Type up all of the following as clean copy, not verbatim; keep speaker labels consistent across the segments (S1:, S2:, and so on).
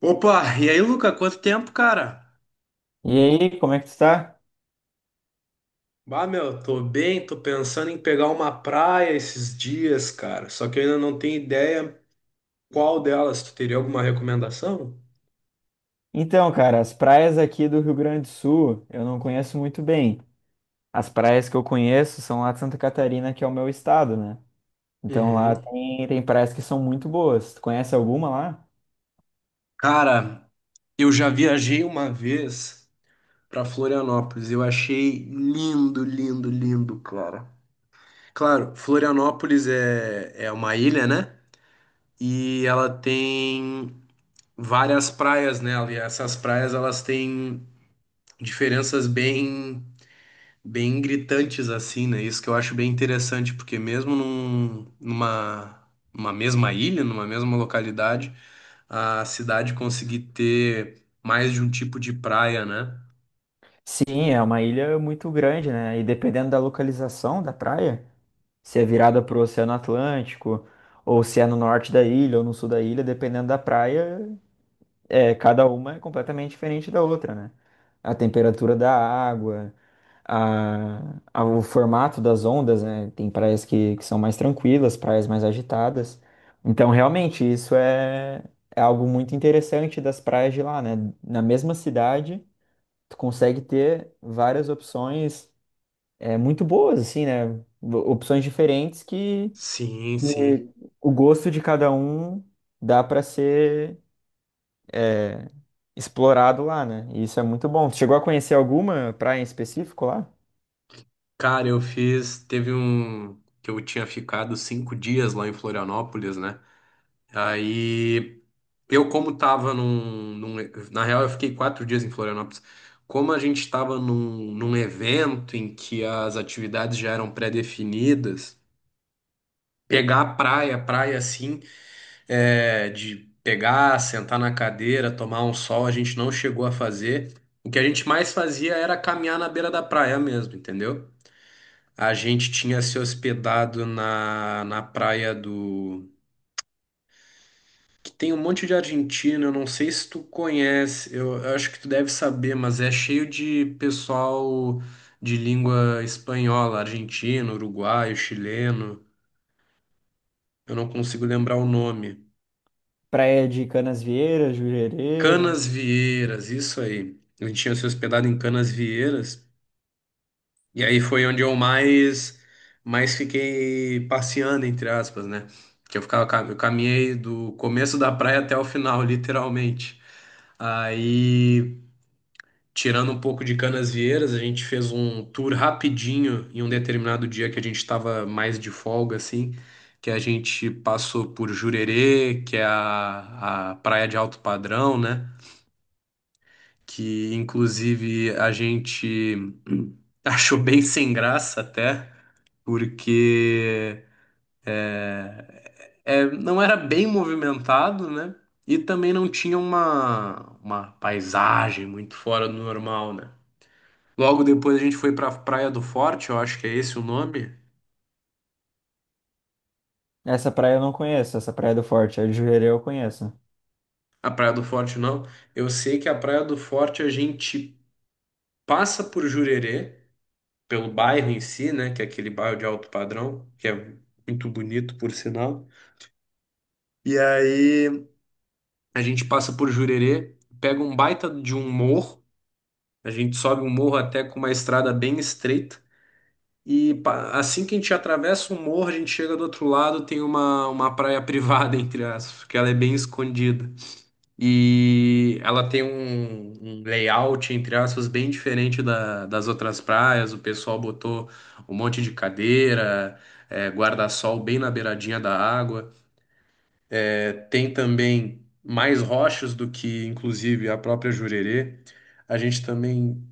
S1: Opa, e aí, Luca, quanto tempo, cara?
S2: E aí, como é que tu tá?
S1: Bah, meu, tô bem, tô pensando em pegar uma praia esses dias, cara. Só que eu ainda não tenho ideia qual delas. Tu teria alguma recomendação?
S2: Então, cara, as praias aqui do Rio Grande do Sul eu não conheço muito bem. As praias que eu conheço são lá de Santa Catarina, que é o meu estado, né? Então lá
S1: Uhum.
S2: tem praias que são muito boas. Tu conhece alguma lá?
S1: Cara, eu já viajei uma vez pra Florianópolis. Eu achei lindo, lindo, lindo, cara. Claro, Florianópolis é uma ilha, né? E ela tem várias praias nela. E essas praias, elas têm diferenças bem gritantes assim, né? Isso que eu acho bem interessante, porque mesmo numa mesma ilha, numa mesma localidade, a cidade conseguir ter mais de um tipo de praia, né?
S2: Sim, é uma ilha muito grande, né? E dependendo da localização da praia, se é virada pro Oceano Atlântico, ou se é no norte da ilha ou no sul da ilha, dependendo da praia, cada uma é completamente diferente da outra, né? A temperatura da água. O formato das ondas, né? Tem praias que são mais tranquilas, praias mais agitadas. Então, realmente, é algo muito interessante das praias de lá, né? Na mesma cidade, tu consegue ter várias opções muito boas, assim, né? Opções diferentes que
S1: Sim, sim.
S2: que o gosto de cada um dá para ser explorado lá, né? E isso é muito bom. Tu chegou a conhecer alguma praia em específico lá?
S1: Cara, eu fiz, teve um que eu tinha ficado 5 dias lá em Florianópolis, né? Aí eu, como tava na real, eu fiquei 4 dias em Florianópolis. Como a gente estava num evento em que as atividades já eram pré-definidas, pegar a praia, praia assim, de pegar, sentar na cadeira, tomar um sol, a gente não chegou a fazer. O que a gente mais fazia era caminhar na beira da praia mesmo, entendeu? A gente tinha se hospedado na praia que tem um monte de argentino, eu não sei se tu conhece, eu acho que tu deve saber, mas é cheio de pessoal de língua espanhola, argentino, uruguaio, chileno, eu não consigo lembrar o nome.
S2: Praia de Canasvieiras, Jurerê.
S1: Canas Vieiras, isso aí. A gente tinha se hospedado em Canas Vieiras, e aí foi onde eu mais fiquei passeando, entre aspas, né? Que eu ficava, eu caminhei do começo da praia até o final, literalmente. Aí. Tirando um pouco de Canasvieiras, a gente fez um tour rapidinho em um determinado dia que a gente estava mais de folga, assim, que a gente passou por Jurerê, que é a praia de alto padrão, né? Que inclusive a gente achou bem sem graça até, porque não era bem movimentado, né? E também não tinha uma paisagem muito fora do normal, né? Logo depois a gente foi pra Praia do Forte, eu acho que é esse o nome.
S2: Essa praia eu não conheço, essa praia do Forte, a de Jurerê eu conheço.
S1: A Praia do Forte não. Eu sei que a Praia do Forte a gente passa por Jurerê, pelo bairro em si, né? Que é aquele bairro de alto padrão, que é muito bonito, por sinal. E aí a gente passa por Jurerê, pega um baita de um morro, a gente sobe um morro até com uma estrada bem estreita. E assim que a gente atravessa o morro, a gente chega do outro lado, tem uma praia privada, entre aspas, que ela é bem escondida. E ela tem um layout, entre aspas, bem diferente das outras praias. O pessoal botou um monte de cadeira, guarda-sol bem na beiradinha da água. É, tem também mais rochas do que, inclusive, a própria Jurerê. A gente também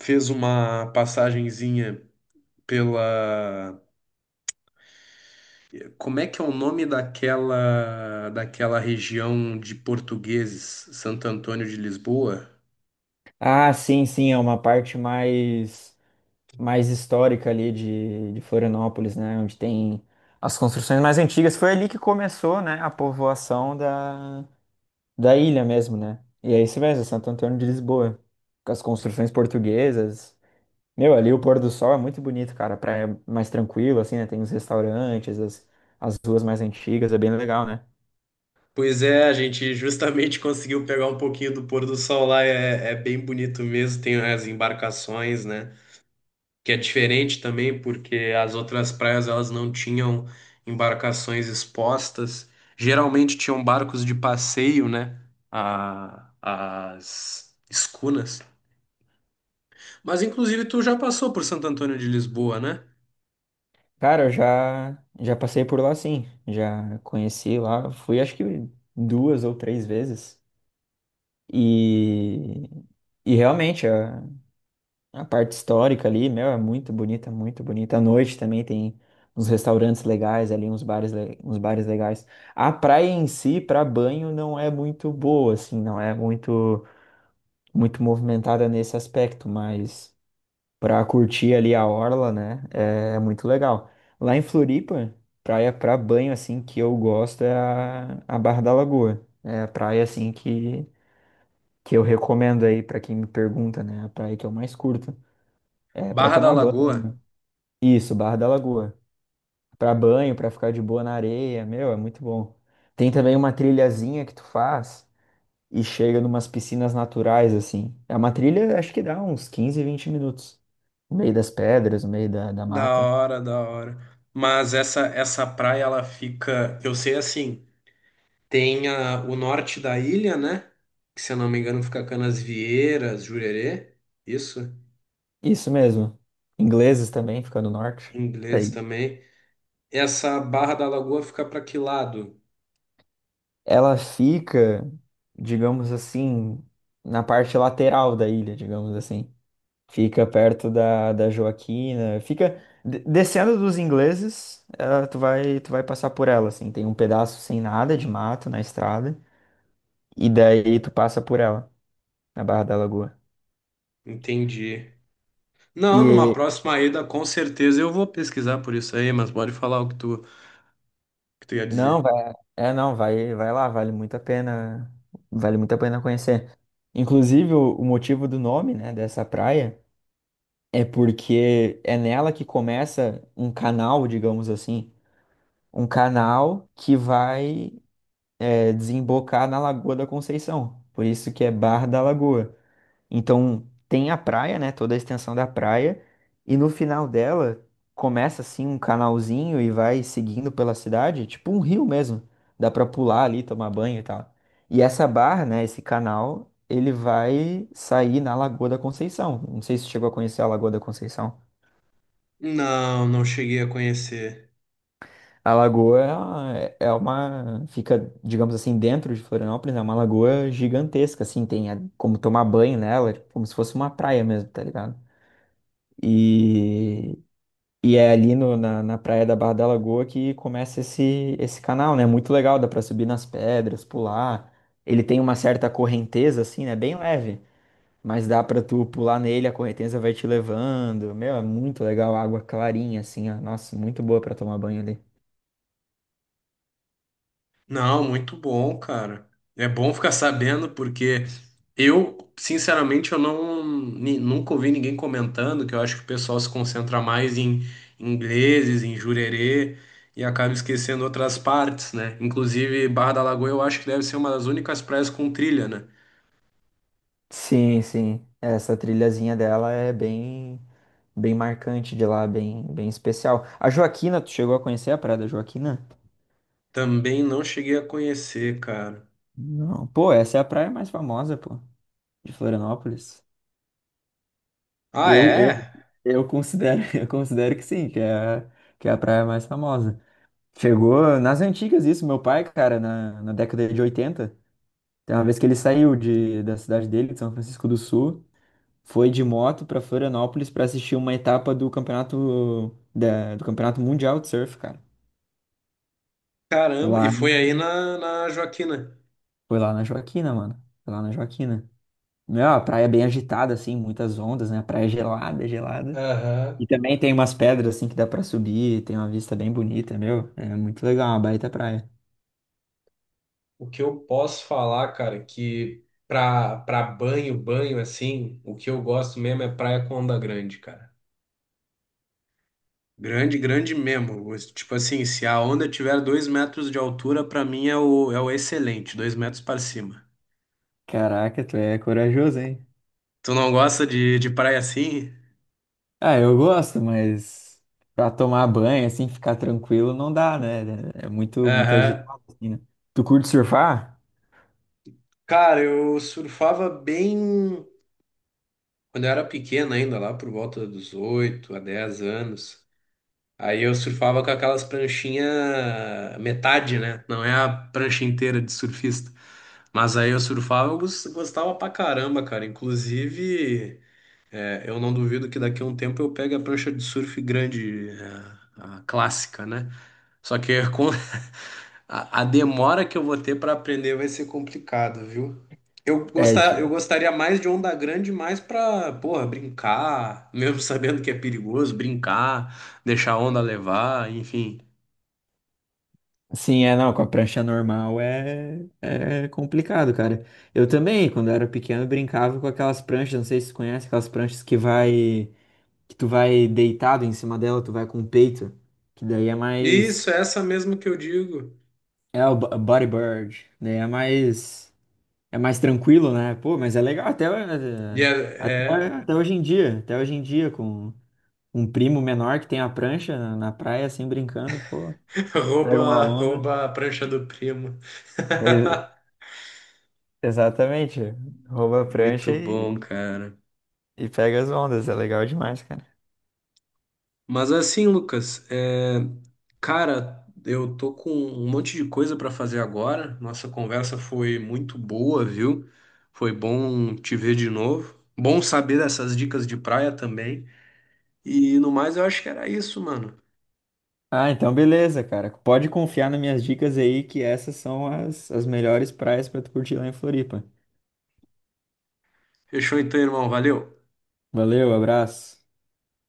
S1: fez uma passagenzinha pela. Como é que é o nome daquela região de portugueses, Santo Antônio de Lisboa?
S2: Ah, sim, sim, é uma parte mais histórica ali de Florianópolis, né? Onde tem as construções mais antigas. Foi ali que começou, né, a povoação da ilha mesmo, né? E é isso mesmo, Santo Antônio de Lisboa. Com as construções portuguesas. Meu, ali o pôr do sol é muito bonito, cara. A praia é mais tranquila, assim, né? Tem os restaurantes, as ruas mais antigas, é bem legal, né?
S1: Pois é, a gente justamente conseguiu pegar um pouquinho do pôr do sol lá, é bem bonito mesmo, tem as embarcações, né? Que é diferente também, porque as outras praias elas não tinham embarcações expostas, geralmente tinham barcos de passeio, né? As escunas. Mas inclusive tu já passou por Santo Antônio de Lisboa, né?
S2: Cara, já passei por lá sim. Já conheci lá. Fui acho que 2 ou 3 vezes. E, e realmente a parte histórica ali, meu, é muito bonita, muito bonita. À noite também tem uns restaurantes legais ali, uns bares, uns bares legais. A praia em si, para banho, não é muito boa, assim, não é muito, muito movimentada nesse aspecto, mas para curtir ali a orla, né? É, é muito legal. Lá em Floripa, praia para banho assim que eu gosto é a Barra da Lagoa. É a praia assim que eu recomendo aí para quem me pergunta, né? A praia que eu mais curto. É para
S1: Barra da
S2: tomar banho. Né?
S1: Lagoa.
S2: Isso, Barra da Lagoa. Pra banho, para ficar de boa na areia, meu, é muito bom. Tem também uma trilhazinha que tu faz e chega numas piscinas naturais assim. É uma trilha, acho que dá uns 15, 20 minutos no meio das pedras, no meio da
S1: Da
S2: mata.
S1: hora, da hora. Mas essa praia ela fica, eu sei assim. Tem o norte da ilha, né? Que se eu não me engano fica Canasvieiras, Jurerê. Isso,
S2: Isso mesmo. Ingleses também fica no norte.
S1: em inglês
S2: Daí
S1: também. Essa Barra da Lagoa fica para que lado?
S2: ela fica, digamos assim, na parte lateral da ilha, digamos assim. Fica perto da Joaquina, fica descendo dos ingleses, tu vai passar por ela assim, tem um pedaço sem nada de mato na estrada e daí tu passa por ela, na Barra da Lagoa.
S1: Entendi. Não, numa
S2: E
S1: próxima ida, com certeza eu vou pesquisar por isso aí, mas pode falar o que tu ia
S2: Não,
S1: dizer.
S2: vai, é não, vai, vai lá, vale muito a pena, vale muito a pena conhecer. Inclusive, o motivo do nome, né, dessa praia é porque é nela que começa um canal, digamos assim, um canal que vai desembocar na Lagoa da Conceição. Por isso que é Barra da Lagoa. Então tem a praia, né? Toda a extensão da praia. E no final dela começa assim um canalzinho e vai seguindo pela cidade, tipo um rio mesmo. Dá pra pular ali, tomar banho e tal. E essa barra, né? Esse canal, ele vai sair na Lagoa da Conceição. Não sei se você chegou a conhecer a Lagoa da Conceição.
S1: Não, não cheguei a conhecer.
S2: A lagoa é uma, fica, digamos assim, dentro de Florianópolis, é uma lagoa gigantesca, assim, tem como tomar banho nela, é como se fosse uma praia mesmo, tá ligado? E E é ali na praia da Barra da Lagoa que começa esse canal, né? Muito legal, dá pra subir nas pedras, pular. Ele tem uma certa correnteza, assim, né? Bem leve, mas dá pra tu pular nele, a correnteza vai te levando. Meu, é muito legal, água clarinha, assim, ó. Nossa, muito boa pra tomar banho ali.
S1: Não, muito bom, cara. É bom ficar sabendo porque eu, sinceramente, eu não nunca ouvi ninguém comentando que eu acho que o pessoal se concentra mais em ingleses, em Jurerê e acaba esquecendo outras partes, né? Inclusive, Barra da Lagoa eu acho que deve ser uma das únicas praias com trilha, né?
S2: Sim, sim. Essa trilhazinha dela é bem, bem marcante de lá, bem, bem especial. A Joaquina, tu chegou a conhecer a Praia da Joaquina?
S1: Também não cheguei a conhecer, cara.
S2: Não. Pô, essa é a praia mais famosa, pô, de Florianópolis.
S1: Ah,
S2: Eu, eu,
S1: é?
S2: eu considero, eu considero que sim, que é, que é a praia mais famosa. Chegou nas antigas isso, meu pai, cara, na década de 80. Tem uma vez que ele saiu de, da cidade dele, de São Francisco do Sul, foi de moto pra Florianópolis para assistir uma etapa do campeonato do campeonato mundial de surf, cara.
S1: Caramba, e
S2: Lá
S1: foi aí
S2: em,
S1: na Joaquina.
S2: foi lá na Joaquina, mano. Foi lá na Joaquina. Meu, a praia é bem agitada, assim, muitas ondas, né? A praia é gelada, gelada.
S1: Aham.
S2: E também tem umas pedras assim que dá pra subir, tem uma vista bem bonita, meu. É muito legal, uma baita praia.
S1: O que eu posso falar, cara, que pra banho, banho assim, o que eu gosto mesmo é praia com onda grande, cara. Grande, grande mesmo. Tipo assim, se a onda tiver 2 metros de altura, pra mim é o excelente, 2 metros para cima.
S2: Caraca, tu é corajoso, hein?
S1: Tu não gosta de praia assim?
S2: Ah, eu gosto, mas pra tomar banho, assim, ficar tranquilo, não dá, né? É muito, muito
S1: Aham.
S2: agitado, assim, né? Tu curte surfar?
S1: Cara, eu surfava bem quando eu era pequeno ainda, lá por volta dos 8 a 10 anos. Aí eu surfava com aquelas pranchinhas metade, né? Não é a prancha inteira de surfista. Mas aí eu surfava, eu gostava pra caramba, cara. Inclusive. É, eu não duvido que daqui a um tempo eu pegue a prancha de surf grande, a clássica, né? Só que com a demora que eu vou ter para aprender vai ser complicado, viu?
S2: É,
S1: Eu
S2: de-
S1: gostaria mais de onda grande, mais para, porra, brincar, mesmo sabendo que é perigoso, brincar, deixar a onda levar, enfim.
S2: não, com a prancha normal é complicado, cara. Eu também, quando eu era pequeno, brincava com aquelas pranchas, não sei se você conhece, aquelas pranchas que vai. Que tu vai deitado em cima dela, tu vai com o peito, que daí é mais
S1: Isso, é essa mesmo que eu digo.
S2: é o body bird, daí é mais tranquilo, né? Pô, mas é legal
S1: E
S2: até,
S1: é,
S2: até hoje em dia, até hoje em dia com um primo menor que tem a prancha na praia assim brincando, pô,
S1: é
S2: pega uma
S1: rouba,
S2: onda.
S1: rouba a prancha do primo.
S2: Pois- Exatamente. Rouba a prancha
S1: Muito bom, cara.
S2: e pega as ondas. É legal demais, cara.
S1: Mas assim, Lucas, cara, eu tô com um monte de coisa pra fazer agora. Nossa conversa foi muito boa, viu? Foi bom te ver de novo. Bom saber dessas dicas de praia também. E no mais, eu acho que era isso, mano.
S2: Ah, então beleza, cara. Pode confiar nas minhas dicas aí, que essas são as melhores praias pra tu curtir lá em Floripa.
S1: Fechou então, irmão. Valeu.
S2: Valeu, abraço.